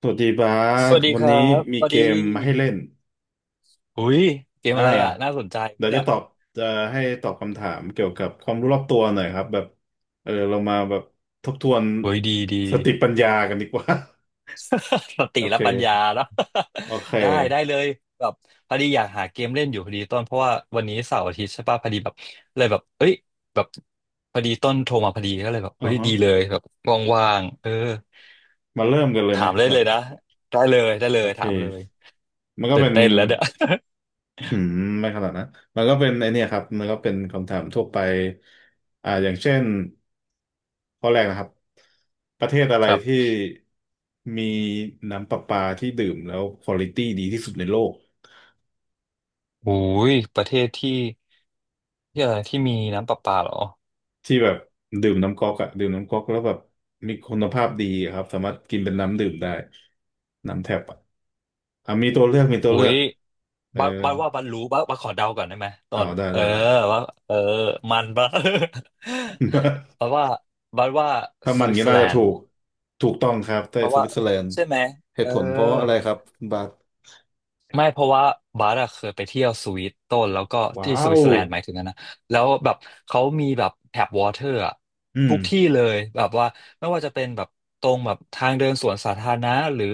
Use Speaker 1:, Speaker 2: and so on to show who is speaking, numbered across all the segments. Speaker 1: สวัสดีบา
Speaker 2: ส
Speaker 1: ส
Speaker 2: วัสดี
Speaker 1: วั
Speaker 2: ค
Speaker 1: น
Speaker 2: รั
Speaker 1: นี้
Speaker 2: บส
Speaker 1: มี
Speaker 2: วัส
Speaker 1: เก
Speaker 2: ดี
Speaker 1: มมาให้เล่น
Speaker 2: หุยเกม
Speaker 1: อ่า
Speaker 2: อะไรอ่ะน่าสนใจ
Speaker 1: เดี๋ยว
Speaker 2: เนี่
Speaker 1: จะ
Speaker 2: ย
Speaker 1: ตอบจะให้ตอบคำถามเกี่ยวกับความรู้รอบตัวหน่อยครับแบบเรามาแบบทบทวน
Speaker 2: หุยดีดี
Speaker 1: สติปัญญากันดีกว่า
Speaker 2: สติ
Speaker 1: โอ
Speaker 2: และ
Speaker 1: เค
Speaker 2: ปัญญาเนาะ
Speaker 1: โอเค
Speaker 2: ได้เลยแบบพอดีอยากหาเกมเล่นอยู่พอดีต้นเพราะว่าวันนี้เสาร์อาทิตย์ใช่ป่ะพอดีแบบเลยแบบเอ้ยแบบพอดีต้นโทรมาพอดีก็เลยแบบเฮ้
Speaker 1: อ่า
Speaker 2: ย
Speaker 1: ฮะ
Speaker 2: ดีเลยแบบว่างๆเออ
Speaker 1: มาเริ่มกันเลยไหม
Speaker 2: ถามได้
Speaker 1: แบ
Speaker 2: เล
Speaker 1: บ
Speaker 2: ยนะได้เลยได้เล
Speaker 1: โอ
Speaker 2: ย
Speaker 1: เค
Speaker 2: ถามเลย
Speaker 1: มันก็
Speaker 2: ตื่
Speaker 1: เป็
Speaker 2: น
Speaker 1: น
Speaker 2: เต้นแล้วเนี่ย
Speaker 1: อืมไม่ขนาดนะมันก็เป็นไอเนี่ยครับมันก็เป็นคำถามทั่วไปอย่างเช่น ข้อแรกนะครับประเทศอะไร
Speaker 2: ครับ
Speaker 1: ที่มีน้ำประปาที่ดื่มแล้วควอลิตี้ดีที่สุดในโลก
Speaker 2: โอุยประเทศที่ที่อะไรที่มีน้ำประปาเหรอ
Speaker 1: ที่แบบดื่มน้ำก๊อกอะดื่มน้ำก๊อกแล้วแบบมีคุณภาพดีอะครับสามารถกินเป็นน้ำดื่มได้น้ำแทบอะอ่ะมีตัว
Speaker 2: โอุ
Speaker 1: เลือ
Speaker 2: ย
Speaker 1: กเออ
Speaker 2: บัาบัสว่าบัดรู้บัาบัสขอเดาก่อนได้ไหมตอ
Speaker 1: เอา
Speaker 2: น
Speaker 1: ได้ได้
Speaker 2: ว่าเออมันบัด บัด ว่าบัดว่า
Speaker 1: ถ้า
Speaker 2: ส
Speaker 1: มัน
Speaker 2: วิต
Speaker 1: งี้
Speaker 2: เซอร์
Speaker 1: น่า
Speaker 2: แล
Speaker 1: จะ
Speaker 2: น
Speaker 1: ถู
Speaker 2: ด์
Speaker 1: กถูกต้องครับแต่
Speaker 2: บัด
Speaker 1: ส
Speaker 2: ว่า
Speaker 1: วิตเซอร์แลนด์
Speaker 2: ใช่ไหม
Speaker 1: เห
Speaker 2: เอ
Speaker 1: ตุ
Speaker 2: อ
Speaker 1: ผลเพราะอะไรครับคุณบาท
Speaker 2: ไม่เพราะว่าบาร์อะเคยไปเที่ยวสวิตต้นแล้วก็
Speaker 1: ว้า
Speaker 2: ที่สวิ
Speaker 1: ว
Speaker 2: ตเซอร์แลนด์หมายถึงนะนะแล้วแบบเขามีแบบแทบวอเตอร์อะ
Speaker 1: อืม
Speaker 2: ทุกที่เลยแบบว่าไม่ว่าจะเป็นแบบตรงแบบทางเดินสวนสาธารณะหรือ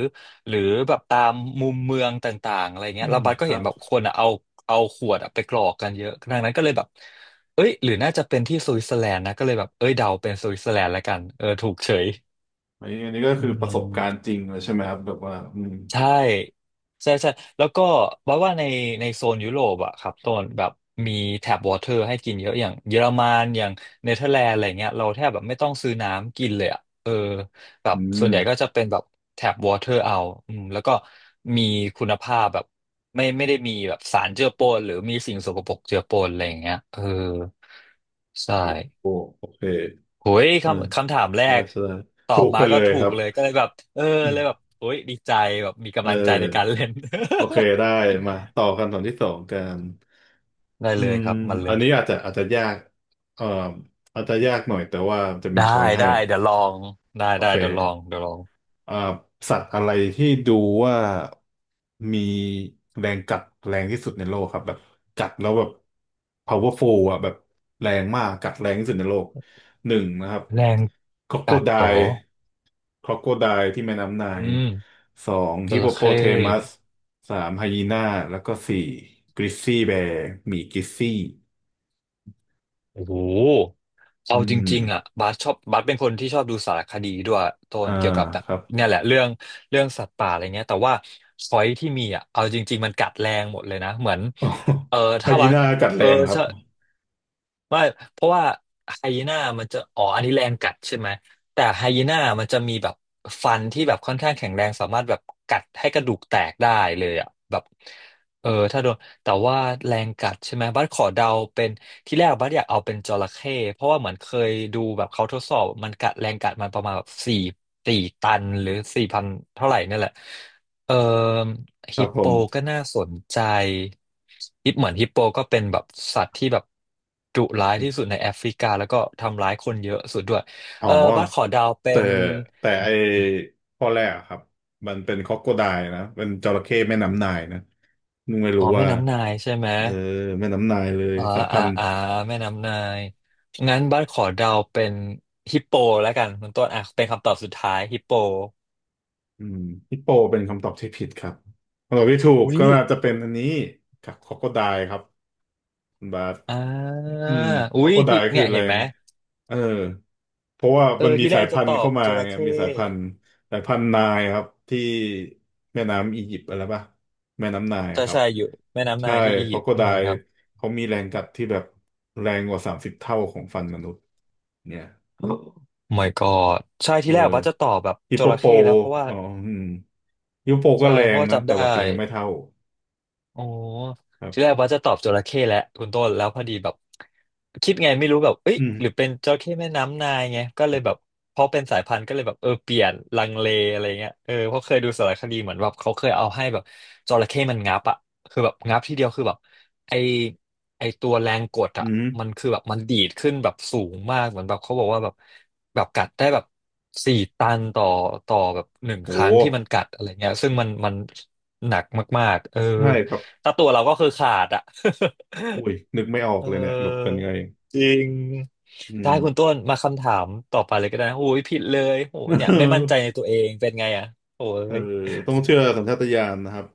Speaker 2: หรือแบบตามมุมเมืองต่างๆอะไร
Speaker 1: อื
Speaker 2: เงี้ย
Speaker 1: ม
Speaker 2: แล้วบัสก็
Speaker 1: ครั
Speaker 2: เห็น
Speaker 1: บ
Speaker 2: แบบคนอะเอาเอาขวดอะไปกรอกกันเยอะดังนั้นก็เลยแบบเอ้ยหรือน่าจะเป็นที่สวิตเซอร์แลนด์นะก็เลยแบบเอ้ยเดาเป็นสวิตเซอร์แลนด์แล้วกันเออถูกเฉย
Speaker 1: อันนี้อันนี้ก็
Speaker 2: อื
Speaker 1: คือประสบการณ์
Speaker 2: ม
Speaker 1: จริงเลยใช่ไหมครับแบบว่าอืม
Speaker 2: ใช่ใช่ใช่แล้วก็ว่าในในโซนยุโรปอะครับโซนแบบมีแท็บวอเตอร์ให้กินเยอะอย่างเยอรมันอย่างเนเธอร์แลนด์อะไรเงี้ยเราแทบแบบไม่ต้องซื้อน้ำกินเลยอะเออแบบ
Speaker 1: อื
Speaker 2: ส่ว
Speaker 1: ม
Speaker 2: นใหญ่ก็จะเป็นแบบแท็บวอเตอร์เอาอืมแล้วก็มีคุณภาพแบบไม่ได้มีแบบสารเจือปนหรือมีสิ่งสกปรกเจือปนอะไรอย่างเงี้ยเออใช่
Speaker 1: โอ้โอเค
Speaker 2: โอ้ย
Speaker 1: เออ
Speaker 2: คำถามแร
Speaker 1: ใช่ได้
Speaker 2: ก
Speaker 1: ใช่ได้
Speaker 2: ตอ
Speaker 1: ถู
Speaker 2: บ
Speaker 1: ก
Speaker 2: มา
Speaker 1: ไปเล
Speaker 2: ก็
Speaker 1: ย
Speaker 2: ถู
Speaker 1: ครั
Speaker 2: ก
Speaker 1: บ
Speaker 2: เลยก็เลยแบบเออเลยแบบ โอ้ยดีใจแบบมี
Speaker 1: เอ
Speaker 2: กำลังใจในการ
Speaker 1: อ
Speaker 2: เล่น
Speaker 1: โอเคได้มาต่อคำถามที่สองกัน
Speaker 2: ได้
Speaker 1: อื
Speaker 2: เลย
Speaker 1: ม
Speaker 2: ครับมันเล
Speaker 1: อัน
Speaker 2: ย
Speaker 1: นี้อาจจะอาจจะยากเอ่ออาจจะยากหน่อยแต่ว่าจะมี
Speaker 2: ได้
Speaker 1: ช้อยให้
Speaker 2: ได้เดี๋ยวลองได้
Speaker 1: โอ
Speaker 2: ได้
Speaker 1: เค
Speaker 2: เดี๋ยวลองเดี๋ยวลอง
Speaker 1: เอ่อสัตว์อะไรที่ดูว่ามีแรงกัดแรงที่สุดในโลกครับแบบกัดแล้วแบบ powerful อ่ะแบบแรงมากกัดแรงที่สุดในโลกหนึ่งนะครับ
Speaker 2: แรง
Speaker 1: คร o โค
Speaker 2: กัด
Speaker 1: ได
Speaker 2: เหรอ
Speaker 1: l ์คร o โคได l ์ที่แม่น้ำไนาย
Speaker 2: อืม
Speaker 1: สอง
Speaker 2: จ
Speaker 1: ฮิปโป
Speaker 2: ระ
Speaker 1: โป
Speaker 2: เข้
Speaker 1: เทมัสสามไฮยีน่าแล้วก็สี่กริซซี่แบร์หมีกริซซี่
Speaker 2: โอ้โห
Speaker 1: อื
Speaker 2: เอาจ
Speaker 1: ม
Speaker 2: ริงๆอ่ะบาสชอบบาสเป็นคนที่ชอบดูสารคดีด้วยโต
Speaker 1: อ่า
Speaker 2: นเกี่ยวกับแบบ
Speaker 1: ครับ
Speaker 2: เนี่ยแหละเรื่องสัตว์ป่าอะไรเงี้ยแต่ว่าช้อยที่มีอ่ะเอาจริงๆมันกัดแรงหมดเลยนะเหมือนเออ
Speaker 1: ไฮ
Speaker 2: ถ้า
Speaker 1: ยี
Speaker 2: ว่าส
Speaker 1: น่ากัดแร
Speaker 2: เออ
Speaker 1: งครับ
Speaker 2: ใช่ ไม่เพราะว่าไฮยีน่ามันจะอ๋ออันนี้แรงกัดใช่ไหมแต่ไฮยีน่ามันจะมีแบบฟันที่แบบค่อนข้างแข็งแรงสามารถแบบกัดให้กระดูกแตกได้เลยอ่ะแบบเออถ้าโดนแต่ว่าแรงกัดใช่ไหมบัสขอเดาเป็นที่แรกบัสอยากเอาเป็นจระเข้เพราะว่าเหมือนเคยดูแบบเขาทดสอบมันกัดแรงกัดมันประมาณแบบสี่สี่ตันหรือสี่พันเท่าไหร่เนี่ยแหละ เอ่อ
Speaker 1: ค
Speaker 2: ฮิ
Speaker 1: รับ
Speaker 2: ป
Speaker 1: ผ
Speaker 2: โป
Speaker 1: ม
Speaker 2: ก็น่าสนใจฮิปเหมือนฮิปโปก็เป็นแบบสัตว์ที่แบบดุร้ายที่สุดในแอฟริกาแล้วก็ทำร้ายคนเยอะสุดด้วย
Speaker 1: อ๋อ
Speaker 2: เออบัสขอเดาวเป็
Speaker 1: แต่
Speaker 2: น
Speaker 1: แต่ไอข้อแรกอะครับมันเป็นค o อกโคไดนะเป็นจระเข้แม่น้ำนายนะนุงไม่
Speaker 2: อ๋
Speaker 1: รู้
Speaker 2: อแม่
Speaker 1: ว่า
Speaker 2: น้ำนายใช่ไหม
Speaker 1: เออแม่น้ำนายเลย
Speaker 2: อ๋อ
Speaker 1: สายพั
Speaker 2: อ่า
Speaker 1: นธุ์
Speaker 2: อ่าแม่น้ำนาย งั้นบัสขอเดาวเป็นฮิปโปแล้วกันคุณต้นอ่ะเป็นคำตอบสุดท้ายฮิปโป
Speaker 1: อืมฮิปโปเป็นคำตอบที่ผิดครับคำตอบที่ถูก
Speaker 2: อุ้ย
Speaker 1: ก็น่าจะเป็นอันนี้ครับค o อกโคไดครับคุณบาส
Speaker 2: อ่า
Speaker 1: อืมค
Speaker 2: อุ้
Speaker 1: รอก
Speaker 2: ย
Speaker 1: โคได
Speaker 2: ที่เนี่
Speaker 1: คือ
Speaker 2: ย
Speaker 1: แร
Speaker 2: เห็นไหม
Speaker 1: งเออเพราะว่า
Speaker 2: เอ
Speaker 1: มัน
Speaker 2: อ
Speaker 1: มี
Speaker 2: ที่แร
Speaker 1: สาย
Speaker 2: กจะ
Speaker 1: พัน
Speaker 2: ต
Speaker 1: ธุ์
Speaker 2: อบ
Speaker 1: เข้ามา
Speaker 2: จระ
Speaker 1: ไง
Speaker 2: เข้
Speaker 1: มีสายพันธุ์สายพันธุ์ไนายครับที่แม่น้ำอียิปต์อะไรป่ะแม่น้ำไนาย
Speaker 2: ใช่
Speaker 1: ครับ
Speaker 2: ใช่อยู่แม่น้ำ
Speaker 1: ใช่
Speaker 2: นายที่อี
Speaker 1: คร
Speaker 2: ยิ
Speaker 1: อก
Speaker 2: ป
Speaker 1: โค
Speaker 2: ต์
Speaker 1: ได
Speaker 2: ใช่ค
Speaker 1: ล์
Speaker 2: รับ
Speaker 1: เขามีแรงกัดที่แบบแรงกว่า30เท่าของฟันมนุษย์เนี่ย
Speaker 2: Oh my god ใช่
Speaker 1: เอ
Speaker 2: ที่
Speaker 1: อ
Speaker 2: แรกว่าจะตอบแบบ
Speaker 1: ฮิป
Speaker 2: จ
Speaker 1: โป
Speaker 2: ระ
Speaker 1: โป
Speaker 2: เข้แล้วเพราะว่า
Speaker 1: อ๋ออืมฮิปโปโปก็
Speaker 2: ใช่
Speaker 1: แร
Speaker 2: เพ
Speaker 1: ง
Speaker 2: ราะว่า
Speaker 1: นะ
Speaker 2: จำ
Speaker 1: แต่
Speaker 2: ได้
Speaker 1: แบบแรงไม่เท่า
Speaker 2: โอ้
Speaker 1: ครั
Speaker 2: ทีแร
Speaker 1: บ
Speaker 2: กว่าจะตอบจระเข้แหละคุณต้นแล้วพอดีแบบคิดไงไม่รู้แบบเอ้ย
Speaker 1: อืม
Speaker 2: หรือเป็นจระเข้แม่น้ำนายไงก็เลยแบบเพราะเป็นสายพันธุ์ก็เลยแบบเออเปลี่ยนลังเลอะไรเงี้ยเออเพราะเคยดูสารคดีเหมือนแบบเขาเคยเอาให้แบบจระเข้มันงับอ่ะคือแบบงับทีเดียวคือแบบไอไอตัวแรงกด
Speaker 1: อื
Speaker 2: อ่ะ
Speaker 1: ม
Speaker 2: มันคือแบบมันดีดขึ้นแบบสูงมากเหมือนแบบเขาบอกว่าแบบแบบกัดได้แบบสี่ตันต่อแบบหนึ่งค
Speaker 1: โห
Speaker 2: รั้งที่มันกัดอะไรเงี้ยซึ่งมันหนักมากๆเออ
Speaker 1: ใช่ครับ
Speaker 2: ถ้าตัวเราก็คือขาดอ่ะ
Speaker 1: อุ้ยนึกไม่ออ ก
Speaker 2: เอ
Speaker 1: เลยเนี่ยแบบเป็น
Speaker 2: อ
Speaker 1: ไง
Speaker 2: จริง
Speaker 1: อื
Speaker 2: ได้
Speaker 1: ม
Speaker 2: คุณต้นมาคำถามต่อไปเลยก็ได้นะโอ้ยผิดเลยโอ้ยเนี่ยไม่มั่นใจ
Speaker 1: เออ
Speaker 2: ในตัวเองเป็นไงอ่ะโอ้
Speaker 1: เออ
Speaker 2: ย
Speaker 1: ต้องเชื่อสัญชาตญาณนะครับ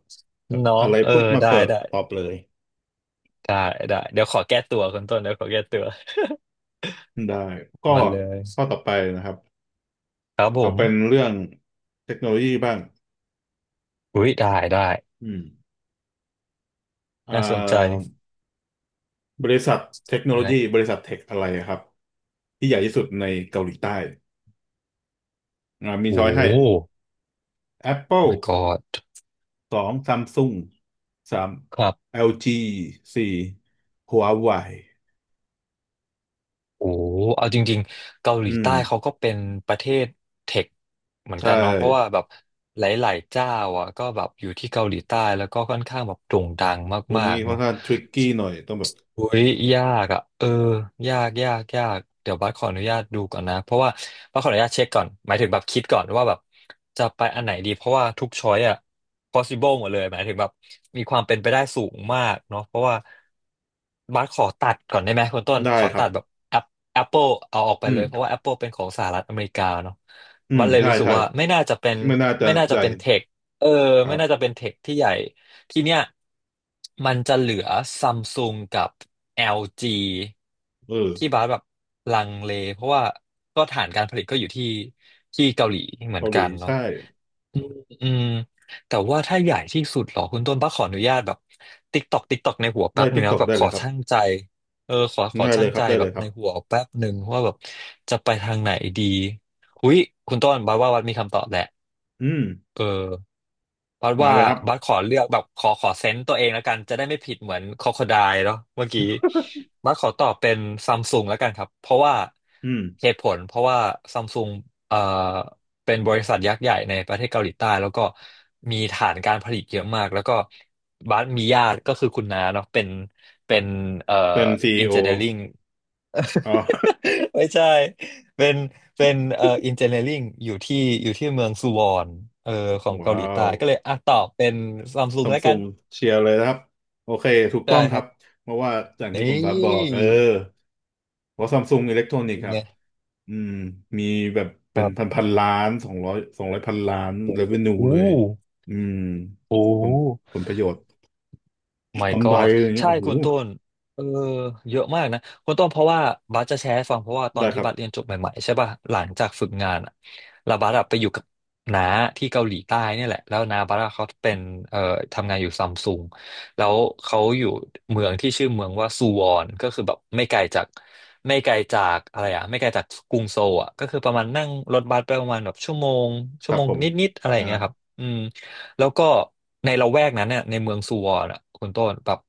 Speaker 1: แบบ
Speaker 2: เนาะ
Speaker 1: อะไร
Speaker 2: เออ
Speaker 1: ปุ๊บมา
Speaker 2: ได้
Speaker 1: เปิด
Speaker 2: ได้
Speaker 1: ตอบเลย
Speaker 2: ได้ได้เดี๋ยวขอแก้ตัวคุณต้นเดี๋ยวขอแก้ตัว
Speaker 1: ได้ก็
Speaker 2: มาเลย
Speaker 1: ข้อต่อไปนะครับ
Speaker 2: ครับผ
Speaker 1: เอาเป็น
Speaker 2: ม
Speaker 1: เรื่องเทคโนโลยีบ้าง
Speaker 2: อุ้ยได้ได้
Speaker 1: อืมอ่
Speaker 2: น่าสน
Speaker 1: า
Speaker 2: ใจ
Speaker 1: บริษัทเทคโนโล
Speaker 2: ได้
Speaker 1: ยีบริษัทเทคอะไรครับที่ใหญ่ที่สุดในเกาหลีใต้มี
Speaker 2: โอ้
Speaker 1: ช้อยให้
Speaker 2: my
Speaker 1: Apple
Speaker 2: god
Speaker 1: สองซัมซุงสาม
Speaker 2: ครับ
Speaker 1: LG สี่ Huawei
Speaker 2: โอ้เอาจริงๆเกาหลี
Speaker 1: อืม
Speaker 2: ใต้เขาก็เป็นประเทศเทคเหมือน
Speaker 1: ใช่
Speaker 2: กันเนาะเพราะว่าแบบหลายๆเจ้าอ่ะก็แบบอยู่ที่เกาหลีใต้แล้วก็ค่อนข้างแบบโด่งดัง
Speaker 1: วัน
Speaker 2: มา
Speaker 1: นี้
Speaker 2: กๆ
Speaker 1: ค่อน
Speaker 2: เนาะ
Speaker 1: ข้างทริกกี้หน่อยต้องแบบ
Speaker 2: อุ้ยยากยากเดี๋ยวบัสขออนุญาตดูก่อนนะเพราะว่าบัสขออนุญาตเช็คก่อนหมายถึงแบบคิดก่อนว่าแบบจะไปอันไหนดีเพราะว่าทุกช้อยอ่ะ possible หมดเลยหมายถึงแบบมีความเป็นไปได้สูงมากเนาะเพราะว่าบัสขอตัดก่อนได้ไหมคุณต้น
Speaker 1: ได้
Speaker 2: ขอ
Speaker 1: ครั
Speaker 2: ตั
Speaker 1: บ
Speaker 2: ดแบบ App- Apple เอาออกไป
Speaker 1: อื
Speaker 2: เลยเพราะ
Speaker 1: ม
Speaker 2: ว่า Apple เป็นของสหรัฐอเมริกาเนาะ
Speaker 1: อื
Speaker 2: บั
Speaker 1: ม
Speaker 2: สเลย
Speaker 1: ใช่
Speaker 2: รู้สึก
Speaker 1: ใช่
Speaker 2: ว่า
Speaker 1: ไม่น่าจะ
Speaker 2: ไม่น่าจะ
Speaker 1: ได้
Speaker 2: เป็นเทคเออ
Speaker 1: ค
Speaker 2: ไม่
Speaker 1: รั
Speaker 2: น่าจะ
Speaker 1: บ
Speaker 2: เป็นเทคที่ใหญ่ ทีเนี้ยมันจะเหลือซัมซุงกับ LG
Speaker 1: เออ
Speaker 2: ที่บาสแบบลังเลเพราะว่าฐานการผลิตก็อยู่ที่เกาหลีเหมือ
Speaker 1: เกา
Speaker 2: น
Speaker 1: ห
Speaker 2: กั
Speaker 1: ลี
Speaker 2: นเนาะ
Speaker 1: ใช่
Speaker 2: อืมอืมแต่ว่าถ้าใหญ่ที่สุดเหรอคุณต้นป้าขออนุญาตแบบติ๊กตอกติ๊กตอกในหัวแป๊
Speaker 1: ได้
Speaker 2: บ
Speaker 1: ทิ
Speaker 2: เนื้
Speaker 1: ก
Speaker 2: อ
Speaker 1: ตอก
Speaker 2: แบบขอชั่างใจเออขอ
Speaker 1: ได้เล
Speaker 2: ชั่าง
Speaker 1: ยค
Speaker 2: ใจ
Speaker 1: รับได้
Speaker 2: แบ
Speaker 1: เล
Speaker 2: บ
Speaker 1: ยค
Speaker 2: ใน
Speaker 1: รับ
Speaker 2: หัวแป๊บหนึ่งว่าแบบจะไปทางไหนดีอุ๊ยคุณต้นบาว่าวัดมีคำตอบแหละ
Speaker 1: อืม
Speaker 2: เออบัส
Speaker 1: มา
Speaker 2: ว่า
Speaker 1: เลยครับ
Speaker 2: บัสขอเลือกแบบขอเซนต์ตัวเองแล้วกันจะได้ไม่ผิดเหมือนค o ค o ได e เนาะเมื่อกี้บัสขอตอบเป็นซัมซุงแล้วกันครับเพราะว่า
Speaker 1: อืม
Speaker 2: เหตุผลเพราะว่าซัมซุงเอ่อเป็นบริษัทยักษ์ใหญ่ในประเทศเกาหลีใต้แล้วก็มีฐานการผลิตเยอะมากแล้วก็บัสมีญาติก็คือคุณน้าเนาะเป็นเอ่อ
Speaker 1: เป็นซี
Speaker 2: อิ
Speaker 1: อี
Speaker 2: น
Speaker 1: โอ
Speaker 2: เจเนียริง
Speaker 1: อ๋อ
Speaker 2: ไม่ใช่ เป็นเป็นอินเจเนียริงอยู่ที่เมืองซูวอนเออของ เกาหลี
Speaker 1: ว้า
Speaker 2: ใต้
Speaker 1: ว
Speaker 2: ก็เลยอ่ะตอบเป็นซัมซุ
Speaker 1: ซั
Speaker 2: ง
Speaker 1: ม
Speaker 2: แล้ว
Speaker 1: ซุ
Speaker 2: กัน
Speaker 1: งเชียร์เลยนะครับโอเคถูกต้อ
Speaker 2: ได้
Speaker 1: งค
Speaker 2: ค
Speaker 1: รั
Speaker 2: รั
Speaker 1: บ
Speaker 2: บ
Speaker 1: เพราะว่าอย่างที่คุ
Speaker 2: นี
Speaker 1: ณบับบอก
Speaker 2: ่
Speaker 1: เออเพราะซัมซุงอิเล็กทรอ
Speaker 2: เป็
Speaker 1: นิกส์
Speaker 2: น
Speaker 1: ครั
Speaker 2: ไง
Speaker 1: บอืมมีแบบ
Speaker 2: ค
Speaker 1: เป็น
Speaker 2: รั
Speaker 1: พัน
Speaker 2: บ
Speaker 1: พันล้านสองร้อยสองร้อยพันล้านเ v เ n นู
Speaker 2: โอ้
Speaker 1: เลยอืม
Speaker 2: โอ้
Speaker 1: ผลผลประโยชน์
Speaker 2: my
Speaker 1: กำไร
Speaker 2: god
Speaker 1: อย่างเงี้ย
Speaker 2: ใช่
Speaker 1: โอ้โห
Speaker 2: คุณต้นเออเยอะมากนะคุณต้นเพราะว่าบัสจะแชร์ให้ฟังเพราะว่าตอน
Speaker 1: ได้ค
Speaker 2: ที่
Speaker 1: รับ
Speaker 2: บัสเรียนจบใหม่ๆใช่ป่ะหลังจากฝึกงานอะแล้วบัสอะไปอยู่กับน้าที่เกาหลีใต้เนี่ยแหละแล้วน้าบัสอะเขาเป็นเอ่อทำงานอยู่ซัมซุงแล้วเขาอยู่เมืองที่ชื่อเมืองว่าซูวอนก็คือแบบไม่ไกลจากอะไรอะไม่ไกลจากกรุงโซลอะก็คือประมาณนั่งรถบัสไปประมาณแบบ
Speaker 1: ค
Speaker 2: ชั่ว
Speaker 1: รับ
Speaker 2: โมง
Speaker 1: ผม
Speaker 2: นิดๆอะไรอ
Speaker 1: อ่า
Speaker 2: ย่างเงี้ยครับอืม แล้วก็ในละแวกนั้นเนี่ยในเมืองซูวอนอ่ะคุณต้นแบบ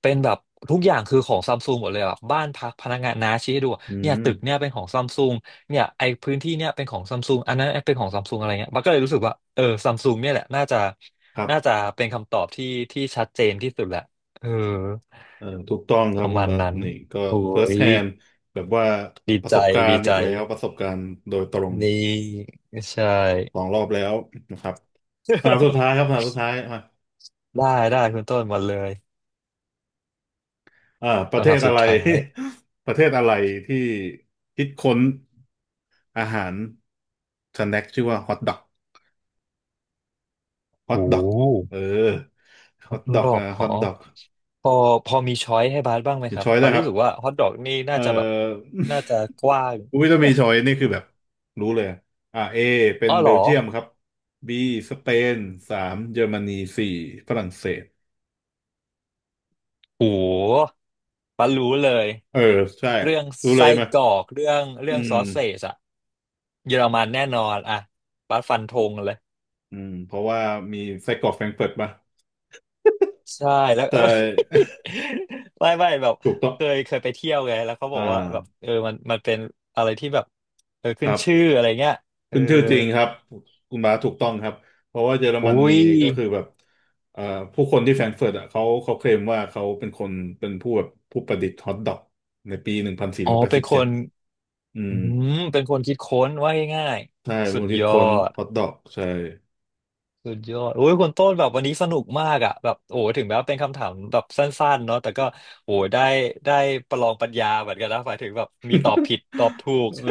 Speaker 2: เป็นแบบทุกอย่างคือของซัมซุงหมดเลยแบบบ้านพักพนักงานน้าชี้ให้ดู
Speaker 1: อื
Speaker 2: เนี่ย
Speaker 1: ม
Speaker 2: ตึกเนี่ยเป็นของซัมซุงเนี่ยไอพื้นที่เนี่ยเป็นของซัมซุงอันนั้นเป็นของซัมซุงอะไรเงี้ยมันก็เลยรู้สึกว่าเออซัมซุงเนี่ยแหละ
Speaker 1: ครั
Speaker 2: น่าจะ
Speaker 1: บ
Speaker 2: เป็นคำตอบที่ชัดเจนที่สุดแหละเออ
Speaker 1: ถูกต้องค
Speaker 2: ป
Speaker 1: รับ
Speaker 2: ระ
Speaker 1: คุณ
Speaker 2: มาณ
Speaker 1: บาส
Speaker 2: นั้น
Speaker 1: นี่ก็
Speaker 2: โอ้
Speaker 1: first
Speaker 2: ย
Speaker 1: hand แบบว่า
Speaker 2: ดี
Speaker 1: ประ
Speaker 2: ใจ
Speaker 1: สบการ
Speaker 2: ดี
Speaker 1: ณ์อี
Speaker 2: ใจ
Speaker 1: กแล้วประสบการณ์โดยตรง
Speaker 2: นี่ใช
Speaker 1: สอ
Speaker 2: ่
Speaker 1: งรอบแล้วนะครับคำถามสุดท้าย ครับคำถามสุดท้ายมา
Speaker 2: ได้ได้คุณต้นมาเลย
Speaker 1: ประเท
Speaker 2: คำถา
Speaker 1: ศ
Speaker 2: มสุ
Speaker 1: อะ
Speaker 2: ด
Speaker 1: ไร
Speaker 2: ท้าย
Speaker 1: ประเทศอะไรที่คิดค้นอาหารสแน็คชื่อว่าฮอทดอกฮอท
Speaker 2: โอ้
Speaker 1: ดอกเออฮ
Speaker 2: ฮ
Speaker 1: อ
Speaker 2: อท
Speaker 1: ทดอ
Speaker 2: ด
Speaker 1: ก
Speaker 2: อก
Speaker 1: อ่ะฮ
Speaker 2: อ๋อ
Speaker 1: อทดอก
Speaker 2: พอพอมีช้อยให้บาสบ้างไหม
Speaker 1: มี
Speaker 2: ครับ
Speaker 1: ช้อยได้
Speaker 2: บา
Speaker 1: ว
Speaker 2: ส
Speaker 1: ยค
Speaker 2: รู้
Speaker 1: รับ
Speaker 2: สึกว่าฮอทดอกนี่น่า
Speaker 1: เอ่อ
Speaker 2: จะแบบน่าจะกว้าง
Speaker 1: อุ้ยถ้ามีช้อยนี่คือแบบรู้เลย เอเป็ น
Speaker 2: อ๋อ
Speaker 1: เบ
Speaker 2: เหร
Speaker 1: ล
Speaker 2: อ
Speaker 1: เยียมครับบีสเปนสามเยอรมนีสี่ฝรั่งเศส
Speaker 2: โหบาสรู้เลย
Speaker 1: เออใช่
Speaker 2: เรื่อง
Speaker 1: รู้เล
Speaker 2: ไส้
Speaker 1: ยไหม
Speaker 2: กรอก
Speaker 1: อื
Speaker 2: เรื่องซ
Speaker 1: ม
Speaker 2: อสเซจอะเยอรมันแน่นอนอะบาสฟันธงเลย
Speaker 1: อืมเพราะว่ามีไส้กรอกแฟรงก์เฟิร์ตมะ
Speaker 2: ใช่แล้ว
Speaker 1: ใช
Speaker 2: เออ
Speaker 1: ่
Speaker 2: ไม่แบบ
Speaker 1: ถูกต้อง
Speaker 2: เคยไปเที่ยวไงแล้วเขาบ
Speaker 1: อ่
Speaker 2: อกว่าแบบ
Speaker 1: า
Speaker 2: เออมันเป็นอะไรที่แบบเออ
Speaker 1: ค
Speaker 2: ขึ้น
Speaker 1: รั
Speaker 2: ชื่อ
Speaker 1: บ
Speaker 2: อะไรเงี้ยเอ
Speaker 1: เป็
Speaker 2: อ
Speaker 1: นชื่อจริงครับคุณบาสถูกต้องครับเพราะว่าเยอรม
Speaker 2: อุ้
Speaker 1: นี
Speaker 2: ย
Speaker 1: ก็คือแบบเอ่อผู้คนที่แฟรงก์เฟิร์ตอ่ะเขาเคลมว่าเขาเป็นคนเป็นผู้แบบผู้ประดิษฐ์ฮอทดอกในปีหนึ่งพันสี่
Speaker 2: อ๋อ
Speaker 1: ร้อยแปด
Speaker 2: เป็
Speaker 1: สิ
Speaker 2: น
Speaker 1: บ
Speaker 2: ค
Speaker 1: เจ็ด
Speaker 2: น
Speaker 1: อื
Speaker 2: อื
Speaker 1: ม
Speaker 2: มเป็นคนคิดค้นว่าง่าย
Speaker 1: ใช่
Speaker 2: ๆ
Speaker 1: ม
Speaker 2: สุ
Speaker 1: ป็
Speaker 2: ด
Speaker 1: นคิ
Speaker 2: ย
Speaker 1: ด
Speaker 2: อ
Speaker 1: ค้น
Speaker 2: ด
Speaker 1: ฮอทดอกใช่
Speaker 2: สุดยอดโอ้ยคุณต้นแบบวันนี้สนุกมากอ่ะแบบโอ้ถึงแม้ว่าเป็นคำถามแบบสั้นๆเนาะแต่ก็โอ้ได้ได้ประลองปัญญาเหมือนกันนะหมายถึงแบบมีตอบผิดตอบถูก
Speaker 1: เออ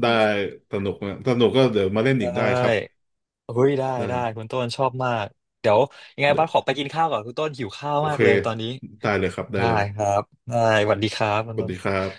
Speaker 1: ได้ สนุกนะสนุกก็เดี๋ยวมาเล่น
Speaker 2: ได
Speaker 1: อีกได้ครับ
Speaker 2: ้เฮ้ยได้
Speaker 1: ได้
Speaker 2: ได้คุณต้นชอบมากเดี๋ยวยังไง
Speaker 1: เดี๋ย
Speaker 2: บ้าสขอ
Speaker 1: ว
Speaker 2: ไปกินข้าวก่อนคุณต้นหิวข้าว
Speaker 1: โอ
Speaker 2: มา
Speaker 1: เค
Speaker 2: กเลยตอนนี้
Speaker 1: ได้เลยครับได้
Speaker 2: ได้
Speaker 1: เลย
Speaker 2: ครับได้สวัสดีครับคุ
Speaker 1: ส
Speaker 2: ณ
Speaker 1: วัส
Speaker 2: ต้น
Speaker 1: ดีครับ